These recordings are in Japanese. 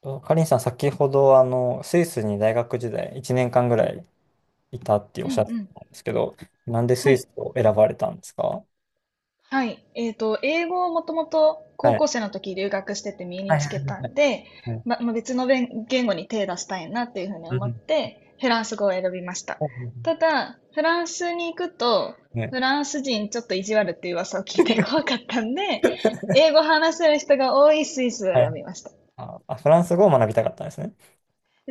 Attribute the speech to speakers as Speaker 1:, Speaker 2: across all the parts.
Speaker 1: とかりんさん、先ほど、スイスに大学時代1年間ぐらいいたってお
Speaker 2: う
Speaker 1: っ
Speaker 2: んう
Speaker 1: しゃって
Speaker 2: ん。
Speaker 1: たんですけど、なんでス
Speaker 2: は
Speaker 1: イ
Speaker 2: い。
Speaker 1: スを選ばれたんですか？
Speaker 2: はい。英語をもともと高
Speaker 1: はい。
Speaker 2: 校生の時留学してて身に
Speaker 1: はい
Speaker 2: つ
Speaker 1: は
Speaker 2: け
Speaker 1: い
Speaker 2: たんで、
Speaker 1: はい。
Speaker 2: まあ別の言語に手出したいなっていうふうに
Speaker 1: う
Speaker 2: 思っ
Speaker 1: ん
Speaker 2: て、フランス語を選びました。
Speaker 1: うん。
Speaker 2: ただ、フランスに行くと、
Speaker 1: ね。
Speaker 2: フランス人ちょっと意地悪っていう噂を聞いて 怖かったんで、英語話せる人が多いスイスを
Speaker 1: は
Speaker 2: 選
Speaker 1: い。
Speaker 2: びました。
Speaker 1: あ、フランス語を学びたかったんですね。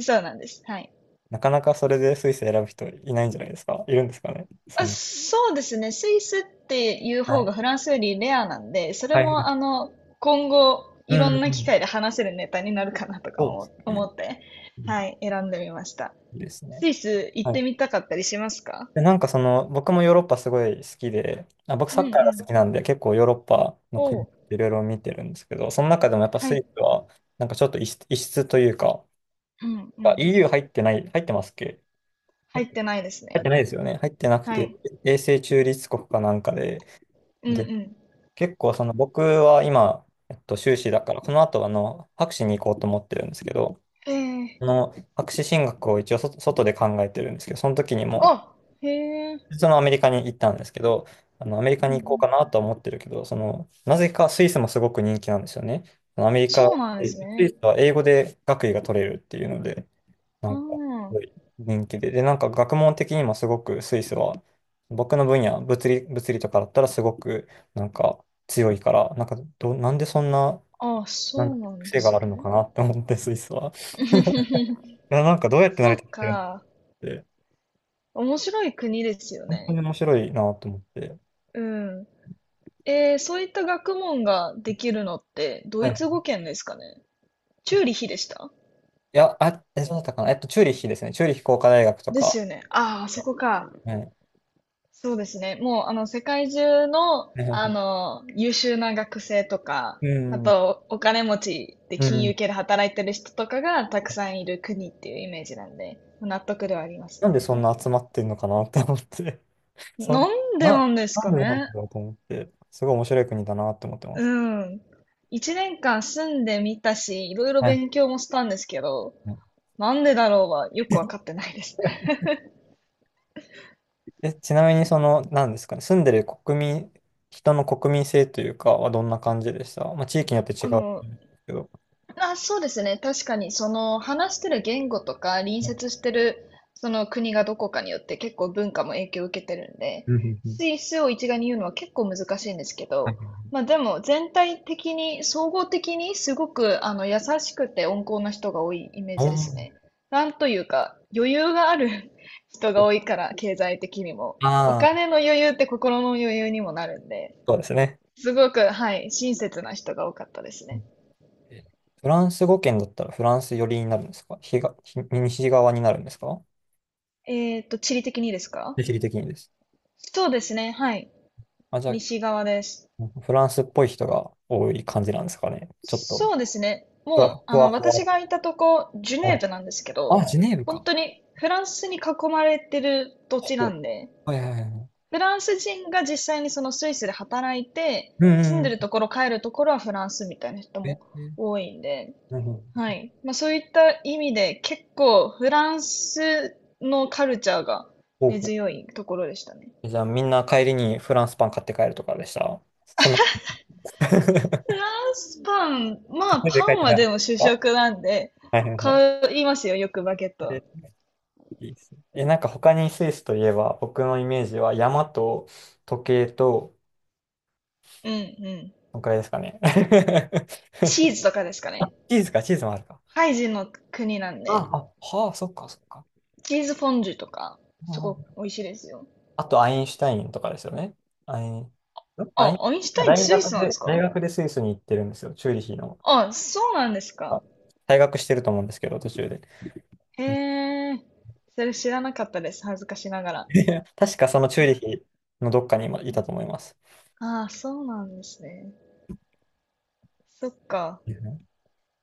Speaker 2: そうなんです。はい。
Speaker 1: なかなかそれでスイス選ぶ人いないんじゃないですか？いるんですかね？
Speaker 2: あ、そうですね。スイスっていう
Speaker 1: は
Speaker 2: 方が
Speaker 1: い。
Speaker 2: フランスよりレアなんで、それ
Speaker 1: はいは
Speaker 2: も
Speaker 1: い。
Speaker 2: 今後
Speaker 1: う
Speaker 2: い
Speaker 1: ん
Speaker 2: ろ
Speaker 1: うんう
Speaker 2: んな機
Speaker 1: ん。
Speaker 2: 会で話せるネタになるかなとか
Speaker 1: そうで
Speaker 2: も
Speaker 1: す
Speaker 2: 思
Speaker 1: ね。
Speaker 2: って、
Speaker 1: うん。
Speaker 2: はい、選んでみました。
Speaker 1: いいですね。
Speaker 2: スイス行
Speaker 1: は
Speaker 2: っ
Speaker 1: い。
Speaker 2: てみたかったりしますか？
Speaker 1: で、なんかその、僕もヨーロッパすごい好きで、あ、僕
Speaker 2: うん
Speaker 1: サッカーが
Speaker 2: う
Speaker 1: 好
Speaker 2: ん。
Speaker 1: きなんで、結構ヨーロッパの
Speaker 2: お
Speaker 1: 国
Speaker 2: う、
Speaker 1: いろいろ見てるんですけど、その中でもやっぱ
Speaker 2: は
Speaker 1: スイ
Speaker 2: い。
Speaker 1: スは、なんかちょっと異質、異質というか、
Speaker 2: うんう
Speaker 1: あ、
Speaker 2: ん。
Speaker 1: EU 入ってない、入ってますっけ？入
Speaker 2: 入
Speaker 1: っ
Speaker 2: っ
Speaker 1: て
Speaker 2: てないです
Speaker 1: 入っ
Speaker 2: ね。
Speaker 1: てないですよね。入ってなく
Speaker 2: は
Speaker 1: て、
Speaker 2: い。
Speaker 1: 永世中立国かなんかで、
Speaker 2: うんう
Speaker 1: で、
Speaker 2: ん。
Speaker 1: 結構その僕は今、修士だから、この後博士に行こうと思ってるんですけど、
Speaker 2: ええ、
Speaker 1: その博士進学を一応外で考えてるんですけど、その時にも、
Speaker 2: あ、へえ。
Speaker 1: そのアメリカに行ったんですけど、アメリ
Speaker 2: う
Speaker 1: カ
Speaker 2: んう
Speaker 1: に行こう
Speaker 2: ん。
Speaker 1: かなとは思ってるけど、その、なぜかスイスもすごく人気なんですよね。そのアメリカ、
Speaker 2: そうなん
Speaker 1: ス
Speaker 2: です
Speaker 1: イ
Speaker 2: ね。
Speaker 1: スは英語で学位が取れるっていうので、なんか、す
Speaker 2: あ
Speaker 1: ごい人気で。で、なんか学問的にもすごくスイスは、僕の分野、物理とかだったらすごく、なんか強いから、なんかなんでそんな、
Speaker 2: あ、あ、
Speaker 1: な
Speaker 2: そ
Speaker 1: ん
Speaker 2: う
Speaker 1: てい
Speaker 2: な
Speaker 1: う
Speaker 2: んで
Speaker 1: 癖が
Speaker 2: す
Speaker 1: あるの
Speaker 2: ね。
Speaker 1: かなって思って、スイスは。いや、なんかどうやって成
Speaker 2: そ
Speaker 1: り
Speaker 2: う
Speaker 1: 立ってるの
Speaker 2: か。
Speaker 1: って、
Speaker 2: 面白い国ですよ
Speaker 1: 本当
Speaker 2: ね。
Speaker 1: に面白いなと思って。
Speaker 2: うん。えー、そういった学問ができるのってド
Speaker 1: は
Speaker 2: イ
Speaker 1: い。
Speaker 2: ツ語圏ですかね。チューリヒでした？
Speaker 1: いや、そうだったかな。チューリッヒですね。チューリッヒ工科大学と
Speaker 2: です
Speaker 1: か。
Speaker 2: よね。ああ、あそこか。
Speaker 1: はい。
Speaker 2: そうですね。もう、世界中の、優秀な学生とか、
Speaker 1: う
Speaker 2: あ
Speaker 1: ん。
Speaker 2: と、お金持ちで
Speaker 1: う
Speaker 2: 金融
Speaker 1: ん。
Speaker 2: 系で働いてる人とかがたくさんいる国っていうイメージなんで、納得ではあります
Speaker 1: なんで
Speaker 2: ね。
Speaker 1: そんな集まってんのかなと思って。そ
Speaker 2: な
Speaker 1: ん、
Speaker 2: んで
Speaker 1: な、
Speaker 2: なんです
Speaker 1: なん
Speaker 2: か
Speaker 1: でなん
Speaker 2: ね。
Speaker 1: だろうと思って。すごい面白い国だなって思ってま
Speaker 2: う
Speaker 1: す。
Speaker 2: ん。一年間住んでみたし、いろいろ
Speaker 1: はい
Speaker 2: 勉強もしたんですけど、
Speaker 1: はい。
Speaker 2: なんでだろうはよくわかってないです。
Speaker 1: え、ちなみにその、なんですかね。住んでる国民、人の国民性というかはどんな感じでした？まあ、地域によって違
Speaker 2: う
Speaker 1: うと思
Speaker 2: ん。
Speaker 1: うんですけど。
Speaker 2: あ、そうですね。確かに、その話してる言語とか、隣
Speaker 1: うん
Speaker 2: 接してるその国がどこかによって結構文化も影響を受けてるんで、
Speaker 1: うんうん。
Speaker 2: スイスを一概に言うのは結構難しいんですけ
Speaker 1: はい
Speaker 2: ど、
Speaker 1: はい。
Speaker 2: まあでも全体的に、総合的にすごく優しくて温厚な人が多いイメー
Speaker 1: あ
Speaker 2: ジです
Speaker 1: ー。
Speaker 2: ね。なんというか、余裕がある 人が多いから、経済的にも。お
Speaker 1: あー、
Speaker 2: 金の余裕って心の余裕にもなるんで、
Speaker 1: そうですね。
Speaker 2: すごく、はい、親切な人が多かったですね。
Speaker 1: え、フランス語圏だったらフランス寄りになるんですか？東、西側になるんですか？
Speaker 2: えーっと、地理的にですか？
Speaker 1: 地理的にです。
Speaker 2: そうですね。はい。
Speaker 1: あ、じゃ
Speaker 2: 西側です。
Speaker 1: あ、フランスっぽい人が多い感じなんですかね。ちょっと、
Speaker 2: そうですね。
Speaker 1: ふわ
Speaker 2: もう、
Speaker 1: ふ
Speaker 2: 私
Speaker 1: わ
Speaker 2: がいたとこ、ジュ
Speaker 1: ふ
Speaker 2: ネ
Speaker 1: わ。
Speaker 2: ーブなんですけど、
Speaker 1: あ、ジュネーブ
Speaker 2: 本
Speaker 1: か。
Speaker 2: 当にフランスに囲まれてる土地
Speaker 1: ほ
Speaker 2: な
Speaker 1: う。
Speaker 2: んで、
Speaker 1: はいはいはいはい。
Speaker 2: フランス人が実際にそのスイスで働いて、
Speaker 1: うん
Speaker 2: 住ん
Speaker 1: う
Speaker 2: でると
Speaker 1: ん。
Speaker 2: ころ、帰るところはフランスみたいな人
Speaker 1: え、
Speaker 2: も
Speaker 1: え、
Speaker 2: 多いんで、
Speaker 1: なるほど。
Speaker 2: はい。まあそういった意味で、結構フランスのカルチャーが
Speaker 1: ほう
Speaker 2: 根
Speaker 1: ほ
Speaker 2: 強いところでしたね。
Speaker 1: う。じゃあ、みんな帰りにフランスパン買って帰るとかでした。そんな、
Speaker 2: フランスパン、まあパ
Speaker 1: 帰っ
Speaker 2: ン
Speaker 1: て
Speaker 2: は
Speaker 1: なかっ
Speaker 2: でも主
Speaker 1: た？
Speaker 2: 食なんで、
Speaker 1: はいはいはい。
Speaker 2: 買いますよ、よくバゲット。
Speaker 1: え、いいですね。え、なんか他にスイスといえば、僕のイメージは山と時計と、
Speaker 2: うんうん。
Speaker 1: そんくらいですかね。
Speaker 2: チーズとかですか
Speaker 1: あ、
Speaker 2: ね。
Speaker 1: チーズか、チーズもあるか。
Speaker 2: ハイジの国なん
Speaker 1: あ、
Speaker 2: で、
Speaker 1: あ、はあ、そっか、そっか。
Speaker 2: チーズフォンデュとか、すご
Speaker 1: あ
Speaker 2: く
Speaker 1: あ。
Speaker 2: 美味しいですよ。
Speaker 1: あと、アインシュタインとかですよね。アイン、んアイン、
Speaker 2: あ、アインシュタインって
Speaker 1: 大
Speaker 2: スイス
Speaker 1: 学
Speaker 2: なんで
Speaker 1: で、
Speaker 2: す
Speaker 1: 大
Speaker 2: か？
Speaker 1: 学でスイスに行ってるんですよ。チューリヒの。
Speaker 2: あ、そうなんですか。
Speaker 1: 退学してると思うんですけど、途中で。
Speaker 2: へ
Speaker 1: うん。
Speaker 2: え、それ知らなかったです、恥ずかしながら。
Speaker 1: 確かそのチューリヒのどっかに今いたと思います。
Speaker 2: ああ、そうなんですね。そっか。
Speaker 1: うん。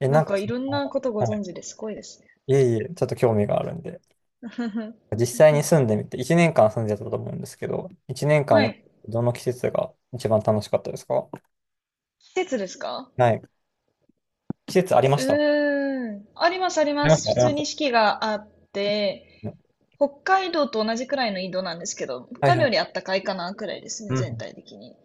Speaker 1: え、
Speaker 2: なん
Speaker 1: なんか
Speaker 2: かい
Speaker 1: そ
Speaker 2: ろんなことご
Speaker 1: の、はい、
Speaker 2: 存知ですごいですね。
Speaker 1: いえいえ、ちょっと興味があるんで。実際に住んでみて、1年間住んでたと思うんですけど、1年
Speaker 2: は
Speaker 1: 間、
Speaker 2: い。
Speaker 1: どの季節が一番楽しかったですか？
Speaker 2: 季節ですか？
Speaker 1: はい。季節ありま
Speaker 2: う
Speaker 1: した。あ
Speaker 2: ーん。あります、ありま
Speaker 1: りまし
Speaker 2: す。
Speaker 1: た、あ
Speaker 2: 普
Speaker 1: りま
Speaker 2: 通
Speaker 1: し
Speaker 2: に四
Speaker 1: た。
Speaker 2: 季があって、北海道と同じくらいの緯度なんですけど、北
Speaker 1: はい
Speaker 2: 海道
Speaker 1: は
Speaker 2: よりあ
Speaker 1: い。
Speaker 2: ったかいかな、くらいですね、
Speaker 1: う
Speaker 2: 全
Speaker 1: ん。
Speaker 2: 体的に。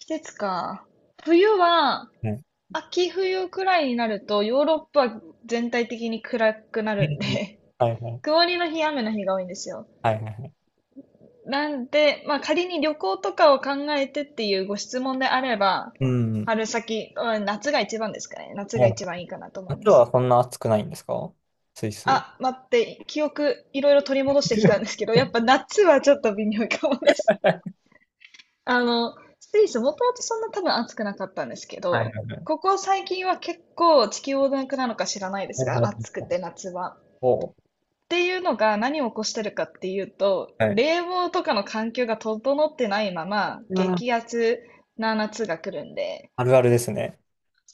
Speaker 2: 季節か。冬は、
Speaker 1: うん。
Speaker 2: 秋冬くらいになると、ヨーロッパは全体的に暗くな
Speaker 1: う
Speaker 2: るん
Speaker 1: ん。
Speaker 2: で
Speaker 1: はい はい。
Speaker 2: 曇りの日、雨の日が多いんですよ。
Speaker 1: はいはいはい。
Speaker 2: なんで、まあ仮に旅行とかを考えてっていうご質問であれば、
Speaker 1: うん。
Speaker 2: 春先、うん夏が一番ですかね。夏が
Speaker 1: もう、
Speaker 2: 一番いいかなと思い
Speaker 1: 夏
Speaker 2: ます。
Speaker 1: はそんな暑くないんですか？スイス。
Speaker 2: あ、待って、記憶いろいろ取り戻してきたんですけど、やっぱ夏はちょっと微妙かもです。スイスもともとそんな多分暑くなかったんですけ
Speaker 1: はいは
Speaker 2: ど、
Speaker 1: いはい。
Speaker 2: ここ最近は結構地球温暖化なのか知らないで
Speaker 1: お
Speaker 2: すが、暑く
Speaker 1: お。
Speaker 2: て夏は。っ
Speaker 1: おー。
Speaker 2: ていうのが何を起こしてるかっていうと、
Speaker 1: はい。
Speaker 2: 冷房とかの環境が整ってないまま
Speaker 1: うわ
Speaker 2: 激
Speaker 1: ー。
Speaker 2: アツな夏が来るんで、
Speaker 1: あるあるですね。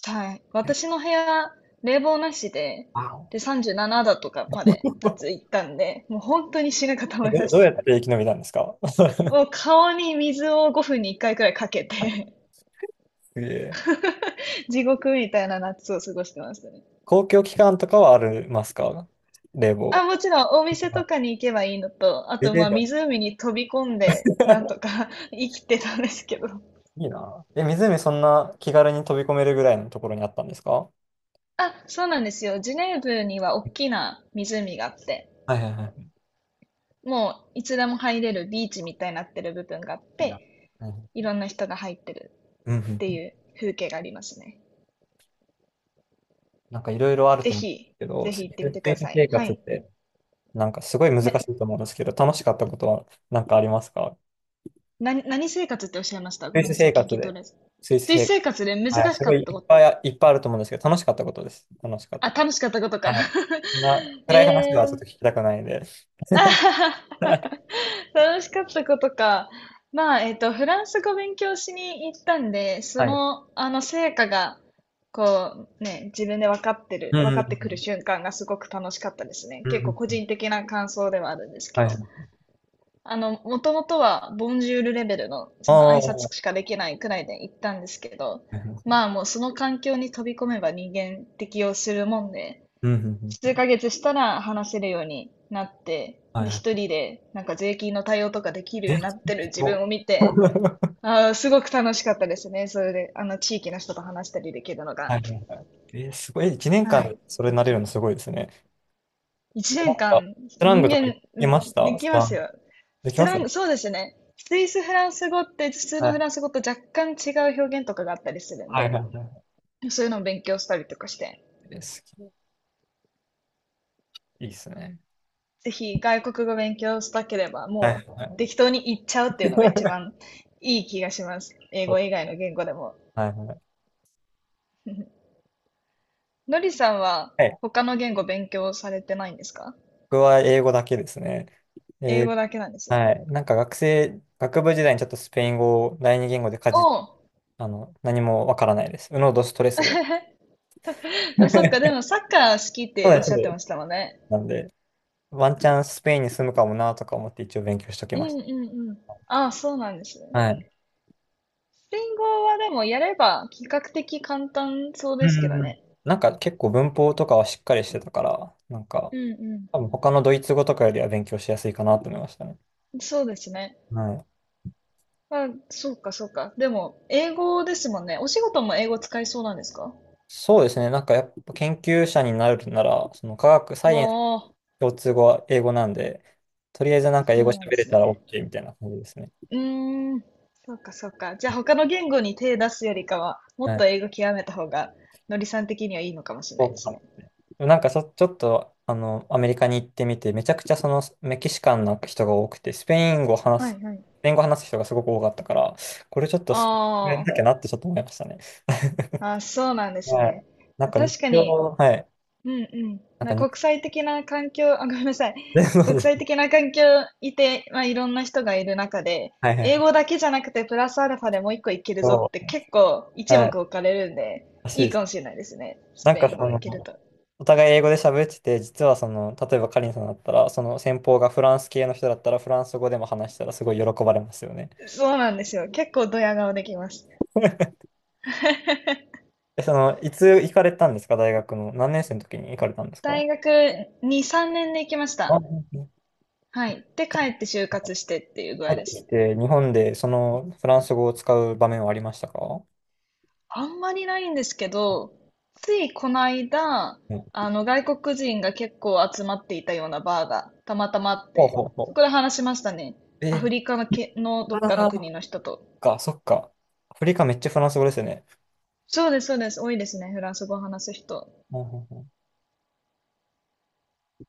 Speaker 2: はい。私の部屋、冷房なしで、
Speaker 1: あお。
Speaker 2: で、37度とかまで夏行っ たんで、もう本当に死ぬかと思
Speaker 1: え、
Speaker 2: いまし
Speaker 1: どう
Speaker 2: た。
Speaker 1: やって生き延びたんですか？
Speaker 2: もう顔に水を5分に1回くらいかけて
Speaker 1: すげえ。
Speaker 2: 地獄みたいな夏を過ごしてましたね。
Speaker 1: 公共機関とかはありますか？冷
Speaker 2: あ、
Speaker 1: 房。
Speaker 2: もちろんお店
Speaker 1: あ、
Speaker 2: とかに行けばいいのと、あ
Speaker 1: 冷
Speaker 2: とまあ
Speaker 1: 房。
Speaker 2: 湖に飛び込んでなんとか 生きてたんですけど。
Speaker 1: いいな。え、湖そんな気軽に飛び込めるぐらいのところにあったんですか？は
Speaker 2: あ、そうなんですよ。ジュネーブには大きな湖があって、
Speaker 1: いはいはい。
Speaker 2: もういつでも入れるビーチみたいになってる部分があっ
Speaker 1: いいな。
Speaker 2: て、
Speaker 1: は
Speaker 2: い
Speaker 1: い。
Speaker 2: ろんな人が入ってる。
Speaker 1: うんう
Speaker 2: っ
Speaker 1: ん
Speaker 2: て
Speaker 1: うん。
Speaker 2: いう風景がありますね。
Speaker 1: なんかいろいろある
Speaker 2: ぜ
Speaker 1: と思うんで
Speaker 2: ひ、
Speaker 1: すけど、
Speaker 2: ぜ
Speaker 1: ス
Speaker 2: ひ行ってみてくだ
Speaker 1: イス
Speaker 2: さい。
Speaker 1: 生
Speaker 2: は
Speaker 1: 活っ
Speaker 2: い。
Speaker 1: て、なんかすごい難し
Speaker 2: な、
Speaker 1: いと思うんですけど、楽しかったことはなんかありますか？
Speaker 2: 何生活っておっしゃいました？ご
Speaker 1: スイ
Speaker 2: めん
Speaker 1: ス
Speaker 2: なさい、
Speaker 1: 生
Speaker 2: 聞
Speaker 1: 活
Speaker 2: き取
Speaker 1: で。
Speaker 2: れず。
Speaker 1: スイス
Speaker 2: 水
Speaker 1: 生活。
Speaker 2: 生活で難
Speaker 1: はい、
Speaker 2: し
Speaker 1: す
Speaker 2: か
Speaker 1: ご
Speaker 2: っ
Speaker 1: い
Speaker 2: たこと、
Speaker 1: いっぱいあると思うんですけど、楽しかったことです。楽しかっ
Speaker 2: あ、
Speaker 1: たこ
Speaker 2: 楽しかったこと
Speaker 1: と。
Speaker 2: か。
Speaker 1: はい。そんな 暗い話
Speaker 2: え
Speaker 1: はちょっと
Speaker 2: ー、
Speaker 1: 聞きたくないんで。
Speaker 2: あははは 楽しかったことか。まあ、フランス語勉強しに行ったんで、
Speaker 1: はい。
Speaker 2: 成果が、こう、ね、自分で分かって
Speaker 1: う
Speaker 2: る、
Speaker 1: ん
Speaker 2: 分
Speaker 1: うん
Speaker 2: か
Speaker 1: う
Speaker 2: ってくる
Speaker 1: ん。
Speaker 2: 瞬間がすごく楽しかったですね。
Speaker 1: うん
Speaker 2: 結
Speaker 1: う
Speaker 2: 構
Speaker 1: ん
Speaker 2: 個
Speaker 1: うん。
Speaker 2: 人的な感想ではあるんですけ
Speaker 1: はい
Speaker 2: ど。
Speaker 1: はい。
Speaker 2: もともとは、ボンジュールレベルの、
Speaker 1: あ
Speaker 2: その挨
Speaker 1: あ。は
Speaker 2: 拶しかできないくらいで行ったんですけど、
Speaker 1: いはい。
Speaker 2: まあもうその環境に飛び込めば人間適応するもんで、
Speaker 1: うんうんう
Speaker 2: 数
Speaker 1: ん。
Speaker 2: ヶ月したら話せるようになって、
Speaker 1: はい
Speaker 2: で、
Speaker 1: は
Speaker 2: 一
Speaker 1: い。
Speaker 2: 人で、なんか税金の対応とかできる
Speaker 1: え、
Speaker 2: ようにな
Speaker 1: す
Speaker 2: ってる自
Speaker 1: ごい。
Speaker 2: 分を見て、ああ、すごく楽しかったですね。それで、地域の人と話したりできるのが。
Speaker 1: はいはいはい。え、すごい。1年
Speaker 2: は
Speaker 1: 間
Speaker 2: い。
Speaker 1: それになれるのすごいですね。
Speaker 2: 一年
Speaker 1: なんか、
Speaker 2: 間、
Speaker 1: スラン
Speaker 2: 人
Speaker 1: グとか言
Speaker 2: 間、
Speaker 1: っ
Speaker 2: う
Speaker 1: てまし
Speaker 2: んで
Speaker 1: た？ス
Speaker 2: きま
Speaker 1: ラン
Speaker 2: す
Speaker 1: グ。
Speaker 2: よ。
Speaker 1: でき
Speaker 2: フ
Speaker 1: ま
Speaker 2: ラ
Speaker 1: す？
Speaker 2: ン、そうですね。スイスフランス語って普通
Speaker 1: は
Speaker 2: のフ
Speaker 1: い。
Speaker 2: ランス語と若干違う表現とかがあったりするん
Speaker 1: はいは
Speaker 2: で、
Speaker 1: いは
Speaker 2: そういうのを勉強したりとかして、
Speaker 1: い。です。いいですね。
Speaker 2: ぜひ外国語勉強したければ、
Speaker 1: はいは
Speaker 2: もう
Speaker 1: いは
Speaker 2: 適
Speaker 1: い。
Speaker 2: 当に言っちゃうっていうのが一 番いい気がします。英
Speaker 1: そ
Speaker 2: 語
Speaker 1: う。
Speaker 2: 以外の言語でも。
Speaker 1: はいはい。
Speaker 2: のりさんは
Speaker 1: はい。
Speaker 2: 他の言語勉強されてないんですか？
Speaker 1: 僕は英語だけですね。
Speaker 2: 英
Speaker 1: えー。
Speaker 2: 語だけなんですね。
Speaker 1: はい。なんか学生、学部時代にちょっとスペイン語を第二言語で
Speaker 2: おう、
Speaker 1: 何もわからないです。ウノドストレスぐらい。
Speaker 2: あ、そっ か、で
Speaker 1: そ
Speaker 2: もサッカー好きっ
Speaker 1: う
Speaker 2: て
Speaker 1: で
Speaker 2: おっ
Speaker 1: す。そ
Speaker 2: し
Speaker 1: う
Speaker 2: ゃって
Speaker 1: です。
Speaker 2: ましたもんね。
Speaker 1: なんで、ワンチャンスペインに住むかもなとか思って一応勉強しとき
Speaker 2: うん
Speaker 1: まし
Speaker 2: うんうん。ああ、そうなんですね。
Speaker 1: た。はい。
Speaker 2: スペイン語はでもやれば比較的簡単そう
Speaker 1: う
Speaker 2: です
Speaker 1: ん
Speaker 2: け
Speaker 1: うん
Speaker 2: ど
Speaker 1: うん。
Speaker 2: ね。
Speaker 1: なんか結構文法とかはしっかりしてたから、なんか、
Speaker 2: うん
Speaker 1: 多分他のドイツ語とかよりは勉強しやすいかなと思いましたね。
Speaker 2: うん。そうですね。
Speaker 1: はい。
Speaker 2: あ、そうかそうか。でも、英語ですもんね。お仕事も英語使いそうなんですか？
Speaker 1: そうですね。なんかやっぱ研究者になるなら、その科学、サイ
Speaker 2: わ
Speaker 1: エンス
Speaker 2: あ、
Speaker 1: 共通語は英語なんで、とりあえずなんか
Speaker 2: そ
Speaker 1: 英語
Speaker 2: うなん
Speaker 1: 喋
Speaker 2: で
Speaker 1: れ
Speaker 2: す
Speaker 1: たら
Speaker 2: ね。
Speaker 1: OK みたいな感じですね。
Speaker 2: うーん。そうかそうか。じゃあ他の言語に手出すよりかは、もっ
Speaker 1: は
Speaker 2: と
Speaker 1: い。
Speaker 2: 英語極めた方が、のりさん的にはいいのかもしれな
Speaker 1: そ
Speaker 2: いで
Speaker 1: う
Speaker 2: す
Speaker 1: か
Speaker 2: ね。
Speaker 1: もね。なんかそ、ちょっと、アメリカに行ってみて、めちゃくちゃそのメキシカンな人が多くて、
Speaker 2: はいはい。
Speaker 1: スペイン語話す人がすごく多かったから、これちょっと
Speaker 2: あ
Speaker 1: スペイン語やんな
Speaker 2: ー、
Speaker 1: きゃなってちょっと思いましたね。
Speaker 2: あ、そうなんです
Speaker 1: はい。
Speaker 2: ね。
Speaker 1: な
Speaker 2: ま
Speaker 1: ん
Speaker 2: あ
Speaker 1: か日
Speaker 2: 確か
Speaker 1: 常、
Speaker 2: に
Speaker 1: はい。
Speaker 2: うんうん。
Speaker 1: なん
Speaker 2: ま
Speaker 1: か
Speaker 2: あ、
Speaker 1: 日。
Speaker 2: 国際的な環境、あ、ごめんなさい。国際的な環境いて、まあ、いろんな人がいる中で、
Speaker 1: はいはいは
Speaker 2: 英語
Speaker 1: い。
Speaker 2: だけじゃなくてプラスアルファでもう一個いけるぞっ
Speaker 1: そ
Speaker 2: て
Speaker 1: う、
Speaker 2: 結構一目
Speaker 1: はい、
Speaker 2: 置かれるんで、
Speaker 1: らしい
Speaker 2: いい
Speaker 1: で
Speaker 2: か
Speaker 1: す。
Speaker 2: もしれないですね。ス
Speaker 1: なん
Speaker 2: ペ
Speaker 1: か
Speaker 2: イン
Speaker 1: そ
Speaker 2: 語い
Speaker 1: の、
Speaker 2: けると。
Speaker 1: お互い英語で喋ってて、実はその、例えばカリンさんだったら、その先方がフランス系の人だったら、フランス語でも話したらすごい喜ばれますよね。
Speaker 2: そうなんですよ。結構ドヤ顔できます。
Speaker 1: え、その、いつ行かれたんですか？大学の。何年生の時に行かれたんですか？
Speaker 2: 大学2、3年で行きまし
Speaker 1: あ、
Speaker 2: た。
Speaker 1: うんうん。
Speaker 2: はい。で、帰って就活してっていう具
Speaker 1: 帰
Speaker 2: 合
Speaker 1: っ
Speaker 2: で
Speaker 1: てき
Speaker 2: す。
Speaker 1: て、日本でそのフランス語を使う場面はありましたか？
Speaker 2: あんまりないんですけど、ついこの間、
Speaker 1: うん。
Speaker 2: あの外国人が結構集まっていたようなバーがたまたまあっ
Speaker 1: ほう
Speaker 2: て、
Speaker 1: ほう
Speaker 2: そ
Speaker 1: ほ
Speaker 2: こで話しましたね。
Speaker 1: う。
Speaker 2: アフ
Speaker 1: え
Speaker 2: リカの
Speaker 1: ー、
Speaker 2: け、のど
Speaker 1: あ
Speaker 2: っかの
Speaker 1: あ、そ
Speaker 2: 国
Speaker 1: っ
Speaker 2: の人と。
Speaker 1: か、そっか。アフリカめっちゃフランス語ですよね。
Speaker 2: そうです、そうです。多いですね。フランス語を話す人。
Speaker 1: うんうんうん